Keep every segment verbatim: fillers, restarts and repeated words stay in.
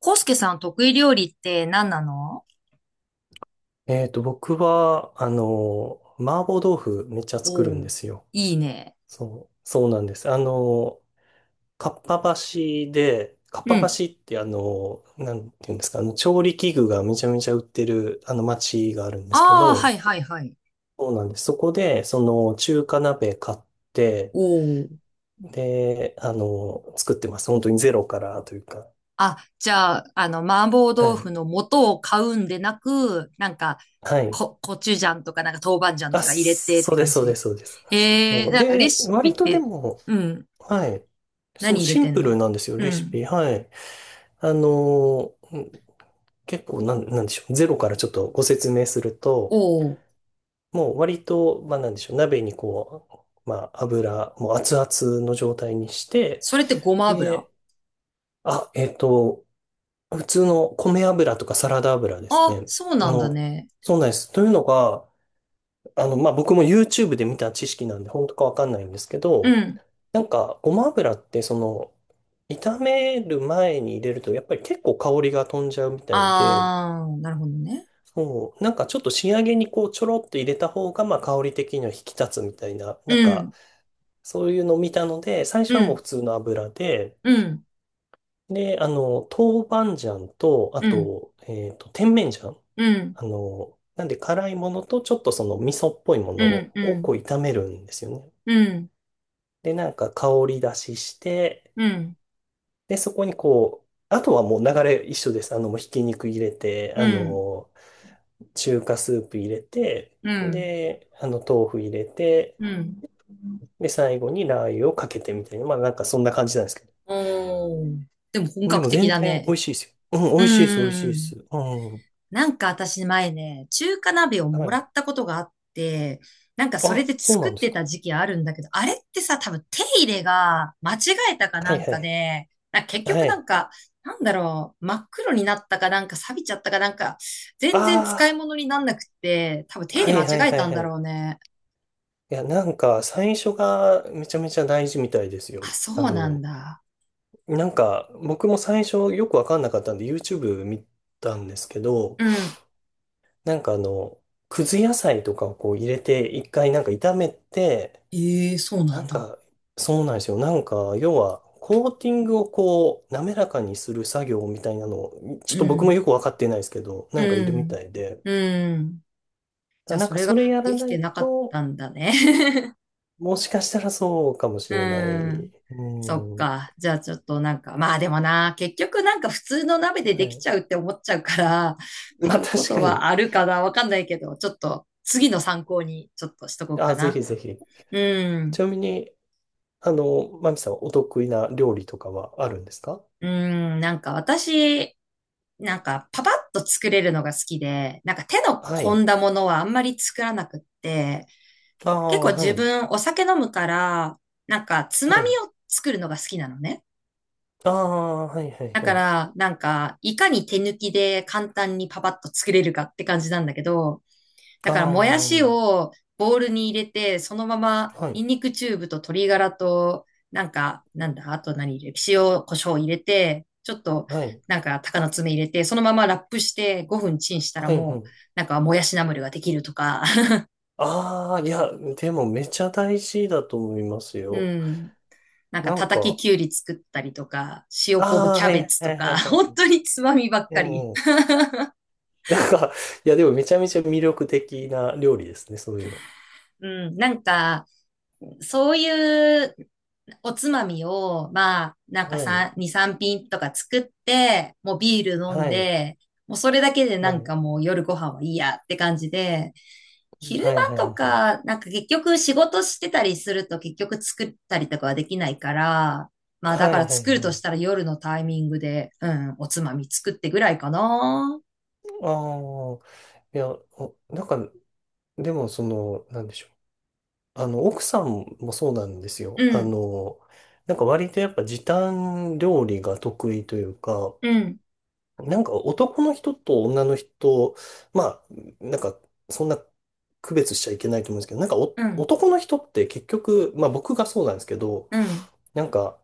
コウスケさん得意料理って何なの？えっと、僕は、あの、麻婆豆腐めっちゃ作るんおでー、すよ。いいね。そう、そうなんです。あの、かっぱ橋で、かっうぱん。橋ってあの、なんていうんですか、あの、調理器具がめちゃめちゃ売ってる、あの、町があるんですけああ、はど、いはいはい。そうなんです。そこで、その、中華鍋買って、おー。で、あの、作ってます。本当にゼロからというか。あ、じゃあ、あの、麻婆は豆腐い。の素を買うんでなく、なんか、はい。こ、コチュジャンとか、なんか豆板醤あ、とか入れてっそてうで感す、そうでじ。す、そうです。へえ、そう。なんかレで、シピ割っとでて、も、うん。はい。そう、何入れシンてんプルの？なんですよ、うレシん。ピ。はい。あのー、うん結構なん、なんでしょう。ゼロからちょっとご説明すると、おー。もう割と、まあなんでしょう。鍋にこう、まあ油、もう熱々の状態にして、それってごま油？で、あ、えっと、普通の米油とかサラダ油ですあ、ね。そうあなんだの、ね。そうなんです。というのが、あの、まあ僕も YouTube で見た知識なんで、本当かわかんないんですけうど、ん。なんか、ごま油って、その、炒める前に入れると、やっぱり結構香りが飛んじゃうみたいで、ああ、なるほどね。そう、なんかちょっと仕上げにこう、ちょろっと入れた方が、まあ、香り的には引き立つみたいな、なんうか、ん。そういうのを見たので、最う初はもうん。普通の油で、うん。で、あの、豆板醤と、あうん。と、えっと、甜麺醤。うん、あの、なんで辛いものと、ちょっとその味噌っぽいもうのん、うをこん、う、炒めるんですよね。うん、で、なんか香り出しして、うん、で、そこにこう、あとはもう流れ一緒です。あの、もうひき肉入れて、うあん、の、中華スープ入れて、うん、で、あの、豆腐入れて、うん。で、最後にラー油をかけてみたいな、まあなんかそんな感じなんですけおー。でも本ど。で格も的全だ然美ね。味しいですよ。うん、う美ん、味しいです、美味しいうでん。す。うん。なんか私前ね、中華鍋をはもらい。ったことがあって、なんかそれあ、でそう作なっんですてか。た時期あるんだけど、あれってさ、多分手入れが間違えたかはないんはかい。で、なんか結局はない。んか、なんだろう、真っ黒になったかなんか錆びちゃったかなんか、全然使いあ物になんなくって、多分あ、手入はれい間はい違えはたいんだはい。ろうね。いや、なんか最初がめちゃめちゃ大事みたいですあ、よ。そあうなんの、だ。なんか、僕も最初よくわかんなかったんで YouTube 見たんですけど、うん。なんかあの、くず野菜とかをこう入れて、一回なんか炒めて、ええ、そうななんんだ。か、そうなんですよ。なんか、要は、コーティングをこう、滑らかにする作業みたいなのを、ちょっうと僕もん。よくわかってないですけど、なんかいうるみん。たいで、うん。じだゃあ、なんそかれがそれやらできなていなかっと、たんだね。もしかしたらそうかも しうれない。ん。うそっん。はか。じゃあ、ちょっとなんか、まあでもな、結局なんか普通の鍋でできい。ちゃうって思っちゃうから、ま買あうこ確とかに。はあるかなわかんないけど、ちょっと次の参考にちょっとしとこうかあ、ぜな。ひぜひ。うん。ちなみに、あの、マミさん、お得意な料理とかはあるんですか。うん。なんか私、なんかパパッと作れるのが好きで、なんか手のは込い。んだものはあんまり作らなくって、あ結あ、構は自い。分お酒飲むから、なんかつはまみい。を作るのが好きなのね。ああ、はい、はい、だはかい。ら、なんか、いかに手抜きで簡単にパパッと作れるかって感じなんだけど、だあから、もやしあ、をボウルに入れて、そのまま、はニい、ンニクチューブと鶏ガラと、なんか、なんだ、あと何入れる塩、胡椒入れて、ちょっと、はい、なんか、鷹の爪入れて、そのままラップしてごふんチンしたらはい、はもう、い。なんか、もやしナムルができるとか、ああ、いや、でもめちゃ大事だと思いますうよ。ん。なんかなん叩きか、きゅうり作ったりとか、塩昆布ああ、キはャい、ベツはとい、はい、か、は本い。当につまみばっうかり。んうん。 なんか、いや、でもめちゃめちゃ魅力的な料理ですね、そういうの。うん、なんか、そういうおつまみを、まあ、なんかはい、さん、に、さんぴん品とか作って、もうビール飲んはい、で、もうそれだけではなんい、かもう夜ご飯はいいやって感じで、昼はい、は間い、とはい。か、なんか結局仕事してたりすると結局作ったりとかはできないから、まあだはかい、らはい、作るはとい。したら夜のタイミングで、うん、おつまみ作ってぐらいかな。ああ、いや、おなんか、でも、その、なんでしょう。あの、奥さんもそうなんですよ。うあん、の、なんか割とやっぱ時短料理が得意というか、うん、なんか男の人と女の人、まあ、なんかそんな区別しちゃいけないと思うんですけど、なんかおうん、男の人って結局、まあ僕がそうなんですけど、うん。なんか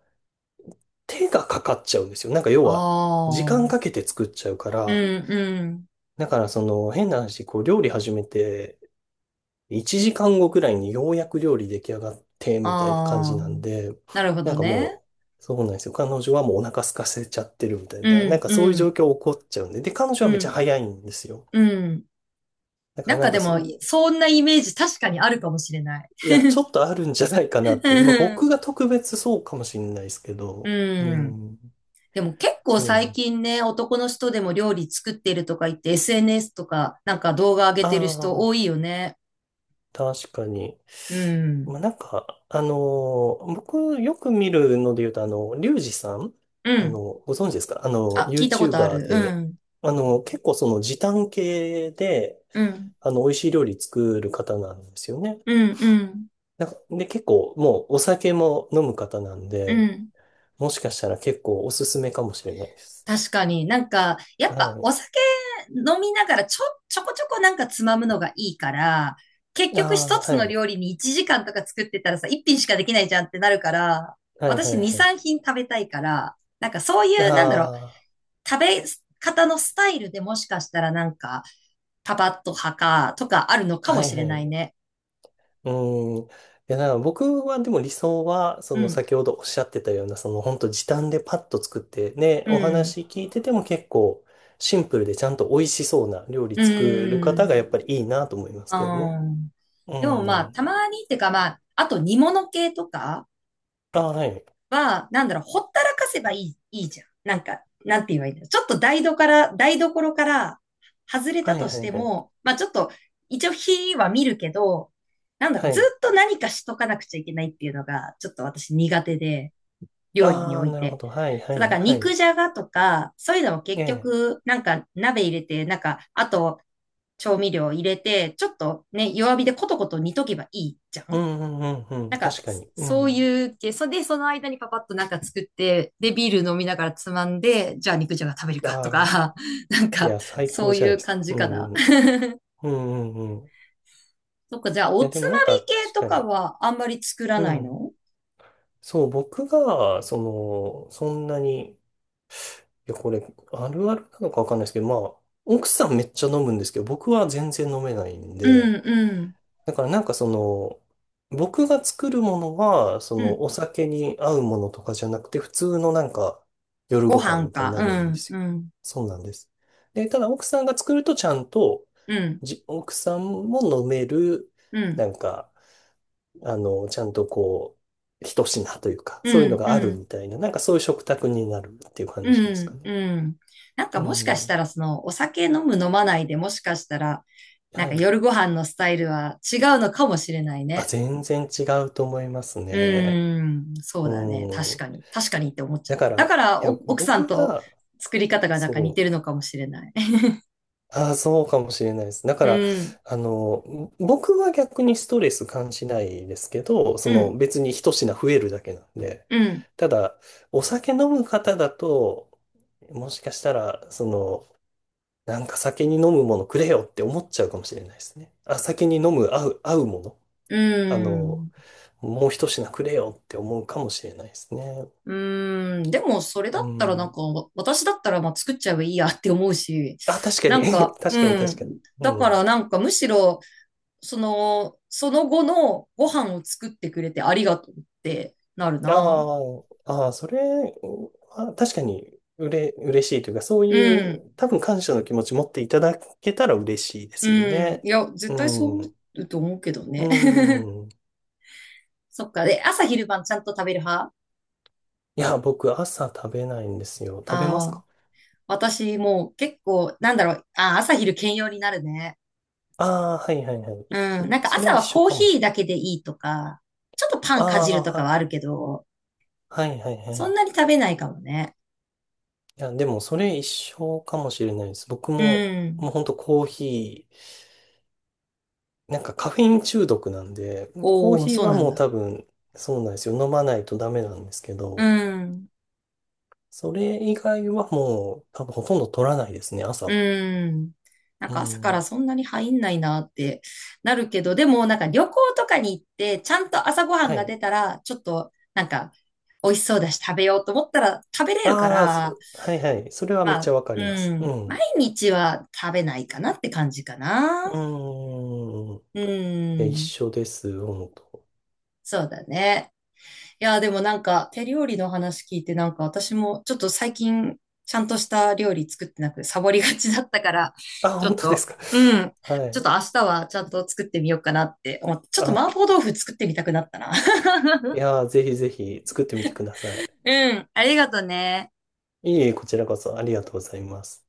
手がかかっちゃうんですよ。なんか要あは時あ、う間ん、かけて作っちゃうかうら、ん、だからその変な話、こう料理始めていちじかんごくらいにようやく料理出来上がって、みたいな感じああ。なんで、なるほなんどかね。もう、そうなんですよ。彼女はもうお腹空かせちゃってるみたいうな、なんん、かそうういう状ん、況起こっちゃうんで、で、彼女うはめっちゃん、早いんですよ。うん。だかなんらなかんかでそも、う、そんなイメージ確かにあるかもしれない。いや、ちょっとあるんじゃないかなっていう。まあう僕ん。が特別そうかもしれないですけうど、うん。ん、でも結構そうな最んだ。近ね、男の人でも料理作ってるとか言って エスエヌエス とかなんか動画上げあてる人多あ。いよね。確かに。うん。まあ、なんか、あのー僕よく見るので言うと、あの、リュウジさん、うあん。の、ご存知ですか。あの、あ、聞いたことあ YouTuber る。うで、ん。あの、結構その時短系で、うん。あの、美味しい料理作る方なんですよね。うん。うん。なんか、で、結構もうお酒も飲む方なんうで、ん。もしかしたら結構おすすめかもしれないです。確かになんか、やっぱはお酒飲みながらちょ、ちょこちょこなんかつまむのがいいから、結い。あ局あ、一つはのい。料理にいちじかんとか作ってたらさ、一品しかできないじゃんってなるから、はいはい私に、はさんぴん品食べたいから、なんかそうい。いう、なんだろう、あ食べ方のスタイルでもしかしたらなんか、パパッと派かとかあるのかあ、もはしいはれないい。ね。うん。いや、だから僕はでも理想は、そうのん、先ほどおっしゃってたような、その本当時短でパッと作って、ね、うおん、話聞いてても結構シンプルでちゃんと美味しそうな料理う作る方がやっぱりいいん、なと思いますうけどね。ん。うでもまあ、ん。たまにっていうかまあ、あと煮物系とか、あ、はい。は、なんだろう、ほったらかせばいい、いいじゃん。なんか、なんて言えばいいんだろう。ちょっと台所から、台所から外れはたいとしはいてはい。も、まあちょっと、一応火は見るけど、なんだろう、はずい。っと何かしとかなくちゃいけないっていうのが、ちょっと私苦手で、料理にあおあ、いなるほて。ど。はいはそう、だいからは肉い。じゃがとか、そういうのもえ結え。局、なんか鍋入れて、なんか、あと調味料入れて、ちょっとね、弱火でコトコト煮とけばいいじゃうん。んうんうんうん。なんか、確かに。うそうん。いう系、それで、その間にパパッとなんか作って、で、ビール飲みながらつまんで、じゃあ肉じゃが食べるかとああ、か、なんいか、や、最そ高うじゃいないうです感か。じうかんな。うん。うんうんうん。いそっか、じゃあ、おや、でつまもなんみか系確とかかに。はあんまり作らうないん。の？そう、僕が、その、そんなに、いや、これ、あるあるなのかわかんないですけど、まあ、奥さんめっちゃ飲むんですけど、僕は全然飲めないんうで、ん、うん、だからなんかその、僕が作るものは、そうの、ん。お酒に合うものとかじゃなくて、普通のなんか、夜ごご飯飯みたいにか。なうるんでん、すよ。うん、そうなんです。で、ただ奥さんが作るとちゃんと、うん、じ、奥さんも飲める、うん、なんか、あの、ちゃんとこう、一品というか、うそういうのん、がうあるん、みたいな、なんかそういう食卓になるっていうう感じですかん、ね。うん。なんかうもしかしん。たら、その、お酒飲む飲まないでもしかしたら、なんはかい。夜ご飯のスタイルは違うのかもしれないあ、ね。全然違うと思いますうね。ーん、そううだね。確ん。かに。確かにって思っちゃだっかた。だら、から、いや、お奥さ僕んとは、作り方がなんか似そてう。るのかもしれない。ああ、そうかもしれないです。だかうら、ん、あの、僕は逆にストレス感じないですけど、そうのん、別に一品増えるだけなんで。うん、ただ、お酒飲む方だと、もしかしたら、その、なんか酒に飲むものくれよって思っちゃうかもしれないですね。あ、酒に飲む合う、合うもの。うあの、ん。もう一品くれよって思うかもしれないですね。うーん、でもそれだっうたらなんん。か、わ私だったらまあ作っちゃえばいいやって思うし、あ、確かなに。ん か、確うかに確ん。かに。だかうらん。なんかむしろ、その、その後のご飯を作ってくれてありがとうってなるあな。あ、ああ、それは確かにうれ、嬉しいというか、そうういん、う多分感謝の気持ち持っていただけたら嬉しいでうすよん。いね。や、絶対そう思うん。うと思うけどうね。ん。そっか。で、朝昼晩ちゃんと食べる派？いや、僕朝食べないんですよ。食べまあすあー、か。私もう結構、なんだろう。ああ、朝昼兼用になるね。ああはいはいはうい。ん。いなんかそれ朝一は緒コーかもヒしーれなだい。けでいいとか、ちょっとパンかじるとかはあるあけど、あ、はいはいはそんい。なに食べないかもね。いや、でもそれ一緒かもしれないです。僕うも、もうん。ほんとコーヒー、なんかカフェイン中毒なんで、コーおおヒーそうはなんもう多だ。分、そうなんですよ。飲まないとダメなんですけうど、ん。それ以外はもう多分ほとんど取らないですね、朝うは。ん。なんうか朝からん。そんなに入んないなってなるけど、でもなんか旅行とかに行って、ちゃんと朝ごはんはがい。出たら、ちょっとなんか美味しそうだし食べようと思ったら食べれるかああ、そら、はいはい。それはめっまちゃあ、わかうります。うん。ん。毎う日は食べないかなって感じかな。ーん。ういや、一緒ん。です、本当。そうだね。いや、でもなんか手料理の話聞いてなんか私もちょっと最近ちゃんとした料理作ってなくサボりがちだったから、あ、ちょ本っ当でと、すか。うん。はちょっとい。明日はちゃんと作ってみようかなって思って、ちょっとあ、麻婆豆腐作ってみたくなったな。いやー、ぜひぜひ作ってみてください。うん。ありがとね。いえいえ、こちらこそありがとうございます。